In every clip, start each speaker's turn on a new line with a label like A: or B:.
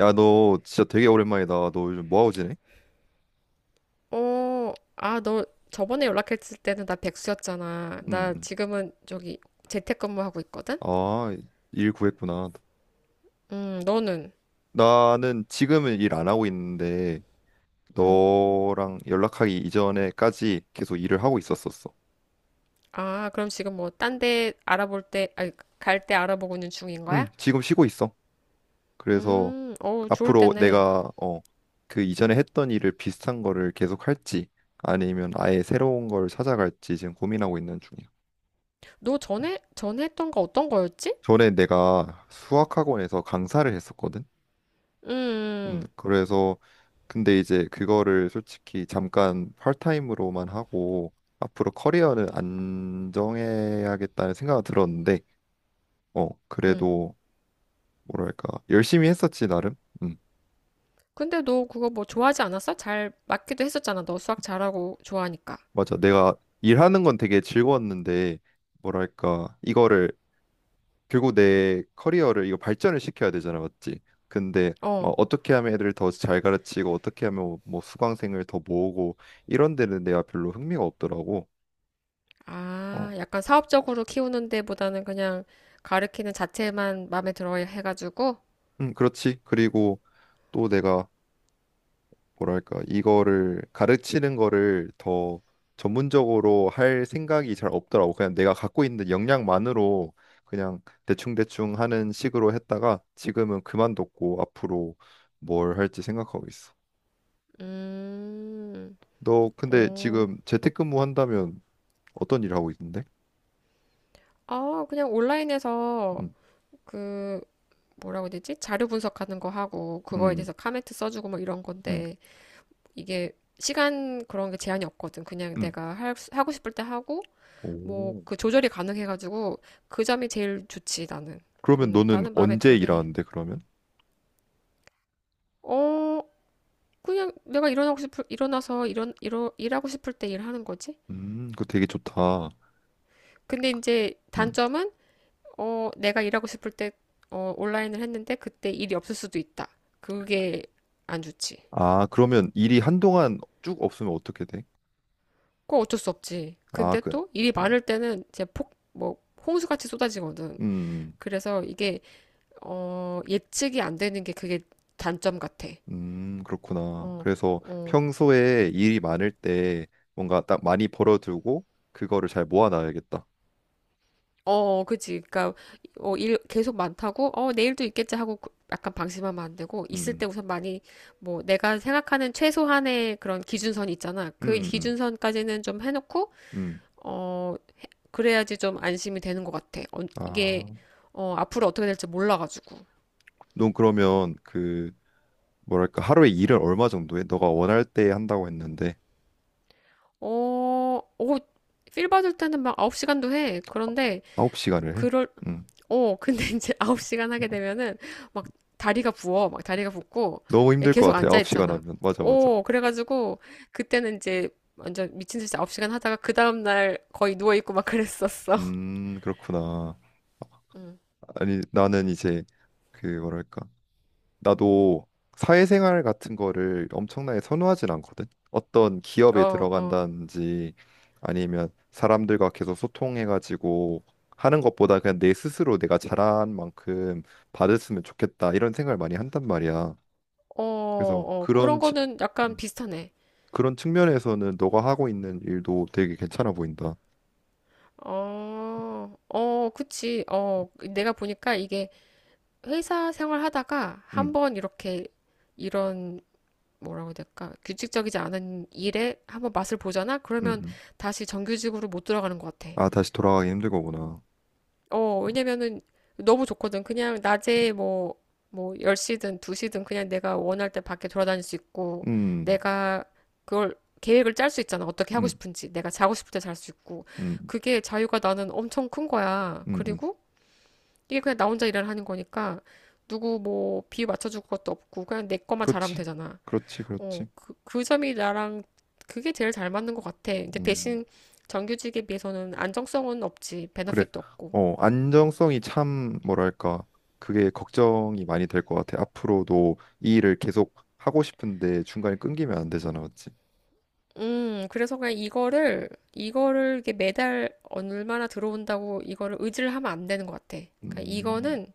A: 야, 너 진짜 되게 오랜만이다. 너 요즘 뭐하고 지내?
B: 너 저번에 연락했을 때는 나 백수였잖아.
A: 응.
B: 나
A: 응.
B: 지금은 저기 재택근무하고 있거든?
A: 아, 일 구했구나.
B: 너는?
A: 나는 지금은 일 안 하고 있는데
B: 음.
A: 너랑 연락하기 이전에까지 계속 일을 하고 있었었어.
B: 아, 그럼 지금 뭐 딴데 알아볼 때, 아니, 갈 때 알아보고 있는 중인
A: 응
B: 거야?
A: 지금 쉬고 있어. 그래서
B: 어우, 좋을
A: 앞으로
B: 때네.
A: 내가 그 이전에 했던 일을 비슷한 거를 계속 할지 아니면 아예 새로운 걸 찾아갈지 지금 고민하고 있는 중이야.
B: 너 전에 했던 거 어떤 거였지?
A: 전에 내가 수학학원에서 강사를 했었거든.
B: 음,
A: 그래서 근데 이제 그거를 솔직히 잠깐 파트타임으로만 하고 앞으로 커리어는 안정해야겠다는 생각은 들었는데
B: 음.
A: 그래도 뭐랄까 열심히 했었지 나름. 음.
B: 근데 너 그거 뭐 좋아하지 않았어? 잘 맞기도 했었잖아. 너 수학 잘하고 좋아하니까.
A: 맞아, 내가 일하는 건 되게 즐거웠는데 뭐랄까 이거를 결국 내 커리어를 이거 발전을 시켜야 되잖아, 맞지? 근데 뭐
B: 어.
A: 어떻게 하면 애들을 더 잘 가르치고 어떻게 하면 뭐 수강생을 더 모으고 이런 데는 내가 별로 흥미가 없더라고.
B: 아,
A: 어.
B: 약간 사업적으로 키우는 데보다는 그냥 가르키는 자체만 마음에 들어 해가지고,
A: 그렇지. 그리고 또 내가 뭐랄까 이거를 가르치는 거를 더 전문적으로 할 생각이 잘 없더라고. 그냥 내가 갖고 있는 역량만으로 그냥 대충대충 하는 식으로 했다가 지금은 그만뒀고 앞으로 뭘 할지 생각하고 있어.
B: 음,
A: 너 근데
B: 어,
A: 지금 재택근무 한다면 어떤 일 하고 있는데?
B: 아, 그냥 온라인에서
A: 음,
B: 그, 뭐라고 해야 되지? 자료 분석하는 거 하고, 그거에
A: 음,
B: 대해서 카멘트 써주고 뭐 이런
A: 음,
B: 건데, 이게 시간 그런 게 제한이 없거든. 그냥
A: 음.
B: 내가 하고 싶을 때 하고, 뭐
A: 오.
B: 그 조절이 가능해가지고, 그 점이 제일 좋지, 나는.
A: 그러면 너는
B: 나는 마음에
A: 언제
B: 들긴 해.
A: 일하는데 그러면?
B: 어, 그냥 내가 일어나고 싶을, 일어나서 일어, 일어, 일하고 싶을 때 일하는 거지.
A: 그거 되게 좋다.
B: 근데 이제
A: 음.
B: 단점은, 내가 일하고 싶을 때, 온라인을 했는데 그때 일이 없을 수도 있다. 그게 안 좋지.
A: 아, 그러면 일이 한동안 쭉 없으면 어떻게 돼?
B: 그거 어쩔 수 없지.
A: 아,
B: 근데 또 일이
A: 어,
B: 많을 때는 제 폭, 뭐, 홍수같이 쏟아지거든.
A: 음,
B: 그래서 이게, 예측이 안 되는 게 그게 단점 같아.
A: 그렇구나.
B: 어,
A: 그래서
B: 어,
A: 평소에 일이 많을 때 뭔가 딱 많이 벌어두고 그거를 잘 모아놔야겠다.
B: 어, 그치. 그니까, 일 계속 많다고, 내일도 있겠지 하고 약간 방심하면 안 되고, 있을 때
A: 음,
B: 우선 많이, 뭐, 내가 생각하는 최소한의 그런 기준선 있잖아. 그
A: 음, 음,
B: 기준선까지는 좀 해놓고,
A: 음.
B: 어, 그래야지 좀 안심이 되는 것 같아. 이게,
A: 아,
B: 앞으로 어떻게 될지 몰라가지고.
A: 넌 그러면 뭐랄까, 하루에 일을 얼마 정도 해? 너가 원할 때 한다고 했는데,
B: 어, 어, 필 받을 때는 막 9시간도 해.
A: 아홉 시간을 해?
B: 그럴,
A: 음.
B: 근데 이제 9시간 하게 되면은 막 다리가 부어. 막 다리가 붓고
A: 너무 힘들 것
B: 계속
A: 같아,
B: 앉아
A: 아홉 시간
B: 있잖아.
A: 하면. 맞아, 맞아.
B: 그래가지고 그때는 이제 완전 미친 듯이 9시간 하다가 그 다음날 거의 누워있고 막 그랬었어.
A: 그렇구나.
B: 음.
A: 아니, 나는 이제 뭐랄까? 나도 사회생활 같은 거를 엄청나게 선호하진 않거든. 어떤 기업에
B: 어, 어,
A: 들어간다든지 아니면 사람들과 계속 소통해가지고 하는 것보다 그냥 내 스스로 내가 잘한 만큼 받았으면 좋겠다 이런 생각을 많이 한단 말이야.
B: 어,
A: 그래서
B: 어. 그런 거는 약간
A: 음,
B: 비슷하네.
A: 그런 측면에서는 너가 하고 있는 일도 되게 괜찮아 보인다.
B: 어, 어, 그치. 내가 보니까 이게 회사 생활 하다가
A: 음,
B: 한번 이렇게 이런 뭐라고 해야 될까? 규칙적이지 않은 일에 한번 맛을 보잖아?
A: 음,
B: 그러면
A: 음.
B: 다시 정규직으로 못 들어가는 것 같아.
A: 아, 다시 돌아가기 힘들 거구나.
B: 왜냐면은 너무 좋거든. 그냥 낮에 뭐, 10시든 2시든 그냥 내가 원할 때 밖에 돌아다닐 수 있고,
A: 음,
B: 내가 그걸 계획을 짤 수 있잖아. 어떻게 하고
A: 음,
B: 싶은지. 내가 자고 싶을 때 잘 수 있고.
A: 음,
B: 그게 자유가 나는 엄청 큰 거야.
A: 음, 음.
B: 그리고 이게 그냥 나 혼자 일을 하는 거니까 누구 뭐 비위 맞춰줄 것도 없고 그냥 내 것만 잘하면
A: 그렇지,
B: 되잖아.
A: 그렇지, 그렇지.
B: 그 점이 나랑 그게 제일 잘 맞는 것 같아. 근데
A: 음.
B: 대신 정규직에 비해서는 안정성은 없지.
A: 그래.
B: 베너핏도 없고.
A: 안정성이 참 뭐랄까 그게 걱정이 많이 될 것 같아. 앞으로도 이 일을 계속 하고 싶은데 중간에 끊기면 안 되잖아, 맞지?
B: 그래서 그냥 이거를 이게 매달 얼마나 들어온다고 이거를 의지를 하면 안 되는 것 같아. 그러니까
A: 음,
B: 이거는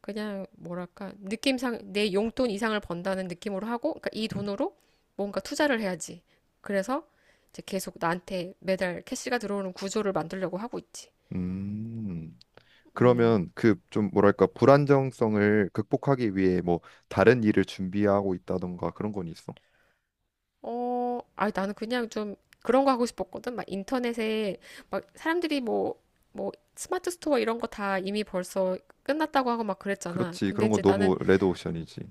B: 그냥 뭐랄까, 느낌상 내 용돈 이상을 번다는 느낌으로 하고, 그러니까 이
A: 음,
B: 돈으로 뭔가 투자를 해야지. 그래서 이제 계속 나한테 매달 캐시가 들어오는 구조를 만들려고 하고 있지.
A: 음.
B: 음,
A: 그러면 좀 뭐랄까 불안정성을 극복하기 위해 뭐 다른 일을 준비하고 있다던가 그런 건 있어?
B: 아니, 나는 그냥 좀 그런 거 하고 싶었거든. 막 인터넷에 막 사람들이 뭐 스마트 스토어 이런 거 다 이미 벌써 끝났다고 하고 막 그랬잖아.
A: 그렇지, 그런 건 너무 레드오션이지.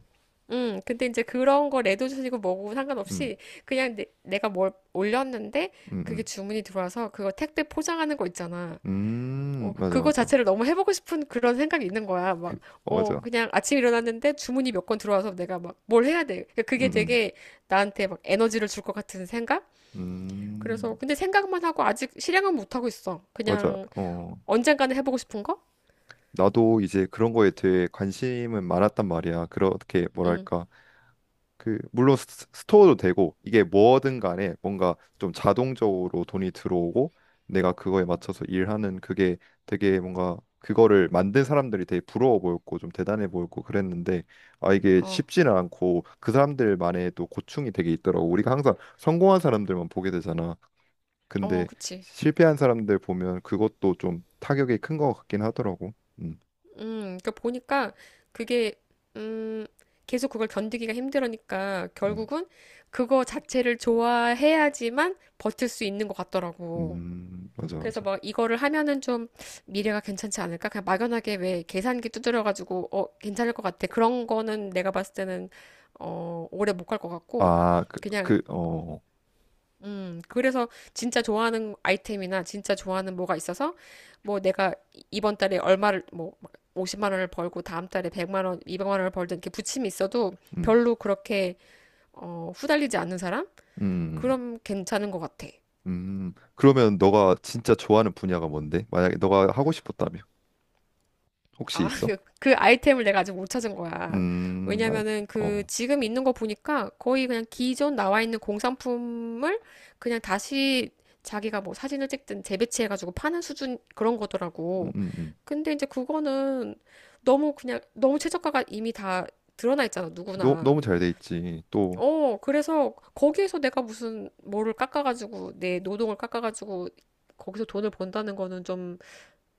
B: 근데 이제 그런 거 레드오션이고 뭐고
A: 음,
B: 상관없이 그냥 내가 뭘 올렸는데
A: 음,
B: 그게
A: 음,
B: 주문이 들어와서 그거 택배 포장하는 거 있잖아.
A: 맞아,
B: 그거
A: 맞아.
B: 자체를 너무 해보고 싶은 그런 생각이 있는 거야.
A: 그-
B: 막,
A: 맞아.
B: 그냥 아침에 일어났는데 주문이 몇 건 들어와서 내가 막 뭘 해야 돼. 그러니까 그게
A: 음,
B: 되게 나한테 막 에너지를 줄 것 같은 생각?
A: 음,
B: 그래서
A: 음,
B: 근데 생각만 하고 아직 실행은 못 하고 있어.
A: 맞아.
B: 그냥 언젠가는 해보고 싶은 거?
A: 나도 이제 그런 거에 대해 관심은 많았단 말이야. 그렇게
B: 응.
A: 뭐랄까. 그 물론 스토어도 되고 이게 뭐든 간에 뭔가 좀 자동적으로 돈이 들어오고 내가 그거에 맞춰서 일하는 그게 되게 뭔가 그거를 만든 사람들이 되게 부러워 보였고 좀 대단해 보였고 그랬는데, 아, 이게
B: 어.
A: 쉽지는 않고 그 사람들만의 또 고충이 되게 있더라고. 우리가 항상 성공한 사람들만 보게 되잖아.
B: 어,
A: 근데
B: 그치.
A: 실패한 사람들 보면 그것도 좀 타격이 큰 것 같긴 하더라고. 음,
B: 음. 그러니까 보니까 그게 음 계속 그걸 견디기가 힘들으니까
A: 음.
B: 결국은 그거 자체를 좋아해야지만 버틸 수 있는 것 같더라고.
A: 맞아,
B: 그래서
A: 맞아.
B: 막 이거를 하면은 좀 미래가 괜찮지 않을까? 그냥 막연하게 왜 계산기 두드려가지고 괜찮을 것 같아. 그런 거는 내가 봤을 때는 오래 못 갈 것 같고
A: 아,
B: 그냥 그래서 진짜 좋아하는 아이템이나 진짜 좋아하는 뭐가 있어서 뭐 내가 이번 달에 얼마를 뭐 50만 원을 벌고 다음 달에 100만 원, 200만 원을 벌든 이렇게 부침이 있어도
A: 음,
B: 별로 그렇게 후달리지 않는 사람?
A: 음,
B: 그럼 괜찮은 것 같아.
A: 그러면 너가 진짜 좋아하는 분야가 뭔데? 만약에 너가 하고 싶었다면 혹시
B: 아,
A: 있어?
B: 그 아이템을 내가 아직 못 찾은 거야.
A: 아,
B: 왜냐면은 그 지금 있는 거 보니까 거의 그냥 기존 나와 있는 공산품을 그냥 다시 자기가 뭐 사진을 찍든 재배치해가지고 파는 수준 그런
A: 음,
B: 거더라고.
A: 음, 음.
B: 근데 이제 그거는 너무 그냥 너무 최저가가 이미 다 드러나 있잖아,
A: 너,
B: 누구나.
A: 너무 잘 돼 있지. 또,
B: 그래서 거기에서 내가 무슨 뭐를 깎아가지고 내 노동을 깎아가지고 거기서 돈을 번다는 거는 좀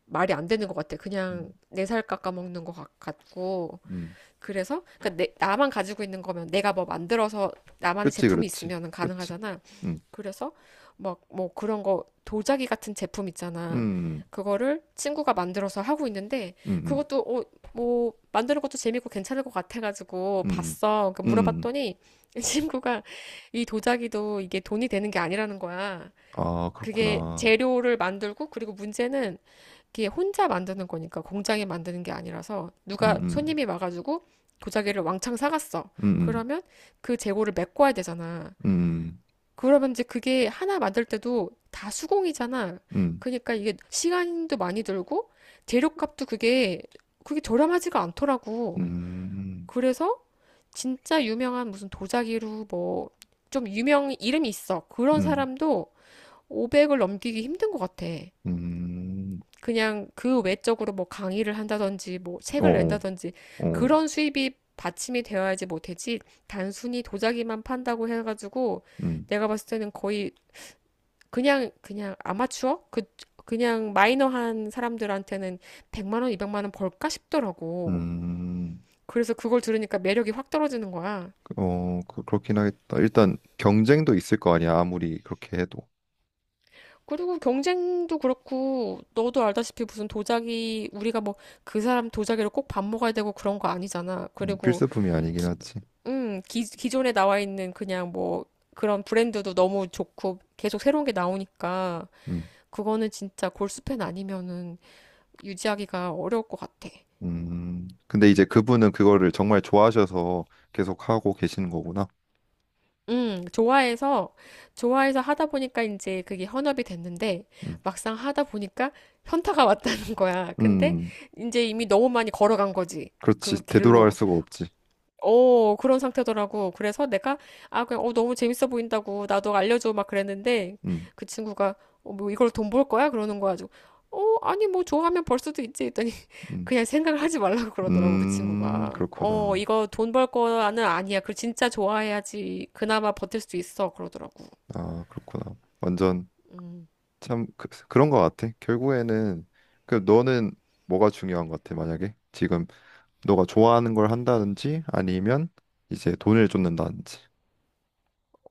B: 말이 안 되는 것 같아. 그냥
A: 음,
B: 내 살 깎아먹는 것 같고.
A: 음,
B: 그래서, 그러니까 나만 가지고 있는 거면 내가 뭐 만들어서 나만의
A: 그렇지,
B: 제품이
A: 그렇지,
B: 있으면
A: 그렇지.
B: 가능하잖아.
A: 음,
B: 그래서 막 뭐 그런 거 도자기 같은 제품 있잖아.
A: 음,
B: 그거를 친구가 만들어서 하고 있는데
A: 음, 음,
B: 그것도 뭐 만드는 것도 재밌고 괜찮을 것 같아가지고
A: 음,
B: 봤어. 그러니까
A: 음.
B: 물어봤더니 친구가 이 도자기도 이게 돈이 되는 게 아니라는 거야.
A: 아,
B: 그게
A: 그렇구나.
B: 재료를 만들고 그리고 문제는 그게 혼자 만드는 거니까 공장에 만드는 게 아니라서
A: 음,
B: 누가
A: 음,
B: 손님이 와가지고 도자기를 왕창 사갔어.
A: 음,
B: 그러면 그 재고를 메꿔야 되잖아.
A: 음,
B: 그러면 이제 그게 하나 만들 때도 다 수공이잖아.
A: 음,
B: 그러니까 이게 시간도 많이 들고 재료값도 그게 저렴하지가 않더라고.
A: 음,
B: 그래서 진짜 유명한 무슨 도자기로 뭐 좀 유명 이름이 있어. 그런
A: 음,
B: 사람도 500을 넘기기 힘든 것 같아.
A: 음, 음.
B: 그냥 그 외적으로 뭐 강의를 한다든지 뭐
A: 어,
B: 책을
A: 어.
B: 낸다든지
A: 어.
B: 그런 수입이 받침이 되어야지 못하지 단순히 도자기만 판다고 해가지고
A: 음,
B: 내가 봤을 때는 거의 그냥 아마추어 그 그냥 마이너한 사람들한테는 100만 원, 200만 원 벌까 싶더라고.
A: 음,
B: 그래서 그걸 들으니까 매력이 확 떨어지는 거야.
A: 그렇긴 하겠다. 일단 경쟁도 있을 거 아니야, 아무리 그렇게 해도.
B: 그리고 경쟁도 그렇고 너도 알다시피 무슨 도자기 우리가 뭐 그 사람 도자기로 꼭 밥 먹어야 되고 그런 거 아니잖아. 그리고
A: 필수품이 아니긴
B: 기-
A: 하지.
B: 기존에 나와 있는 그냥 뭐 그런 브랜드도 너무 좋고 계속 새로운 게 나오니까
A: 음,
B: 그거는 진짜 골수팬 아니면은 유지하기가 어려울 것 같아.
A: 근데 이제 그분은 그거를 정말 좋아하셔서 계속 하고 계시는 거구나.
B: 음, 좋아해서, 좋아해서, 하다 보니까 이제 그게 현업이 됐는데
A: 음,
B: 막상 하다 보니까 현타가 왔다는 거야. 근데
A: 음,
B: 이제 이미 너무 많이 걸어간 거지. 그
A: 그렇지. 되돌아갈
B: 길로.
A: 수가 없지.
B: 그런 상태더라고. 그래서 내가, 아, 그냥, 너무 재밌어 보인다고. 나도 알려줘. 막 그랬는데,
A: 음,
B: 그 친구가, 뭐, 이걸 돈 벌 거야? 그러는 거야. 가지고, 아니, 뭐, 좋아하면 벌 수도 있지. 했더니,
A: 음,
B: 그냥 생각을 하지 말라고 그러더라고, 그 친구가. 어,
A: 그렇구나.
B: 이거 돈 벌 거는 아니야. 그 진짜 좋아해야지. 그나마 버틸 수 있어. 그러더라고.
A: 아, 그렇구나. 완전 참 그, 런거 같아. 결국에는 너는 뭐가 중요한 것 같아, 만약에 지금 너가 좋아하는 걸 한다든지 아니면 이제 돈을 쫓는다든지.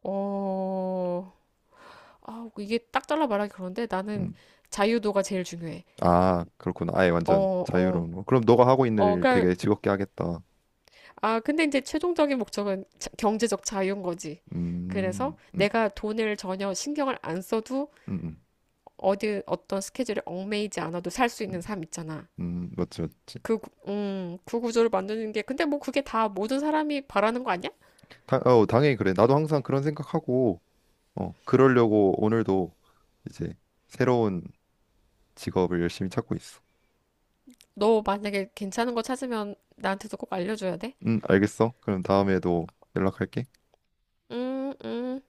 B: 어, 이게 딱 잘라 말하기 그런데 나는
A: 음.
B: 자유도가 제일 중요해.
A: 아, 그렇구나. 아예 완전
B: 어, 어.
A: 자유로운 거. 그럼 너가 하고 있는 일
B: 그러니까
A: 되게 즐겁게 하겠다.
B: 근데 이제 최종적인 목적은 경제적 자유인 거지. 그래서
A: 음, 음,
B: 내가 돈을 전혀 신경을 안 써도
A: 음, 음,
B: 어디 어떤 스케줄에 얽매이지 않아도 살 수 있는
A: 음,
B: 삶 있잖아.
A: 맞지, 맞지.
B: 그 구조를 만드는 게, 근데 뭐 그게 다 모든 사람이 바라는 거 아니야?
A: 당연히 그래. 나도 항상 그런 생각하고, 그러려고 오늘도 이제 새로운 직업을 열심히 찾고 있어.
B: 너 만약에 괜찮은 거 찾으면 나한테도 꼭 알려줘야 돼?
A: 알겠어. 그럼 다음에도 연락할게.
B: 음, 음.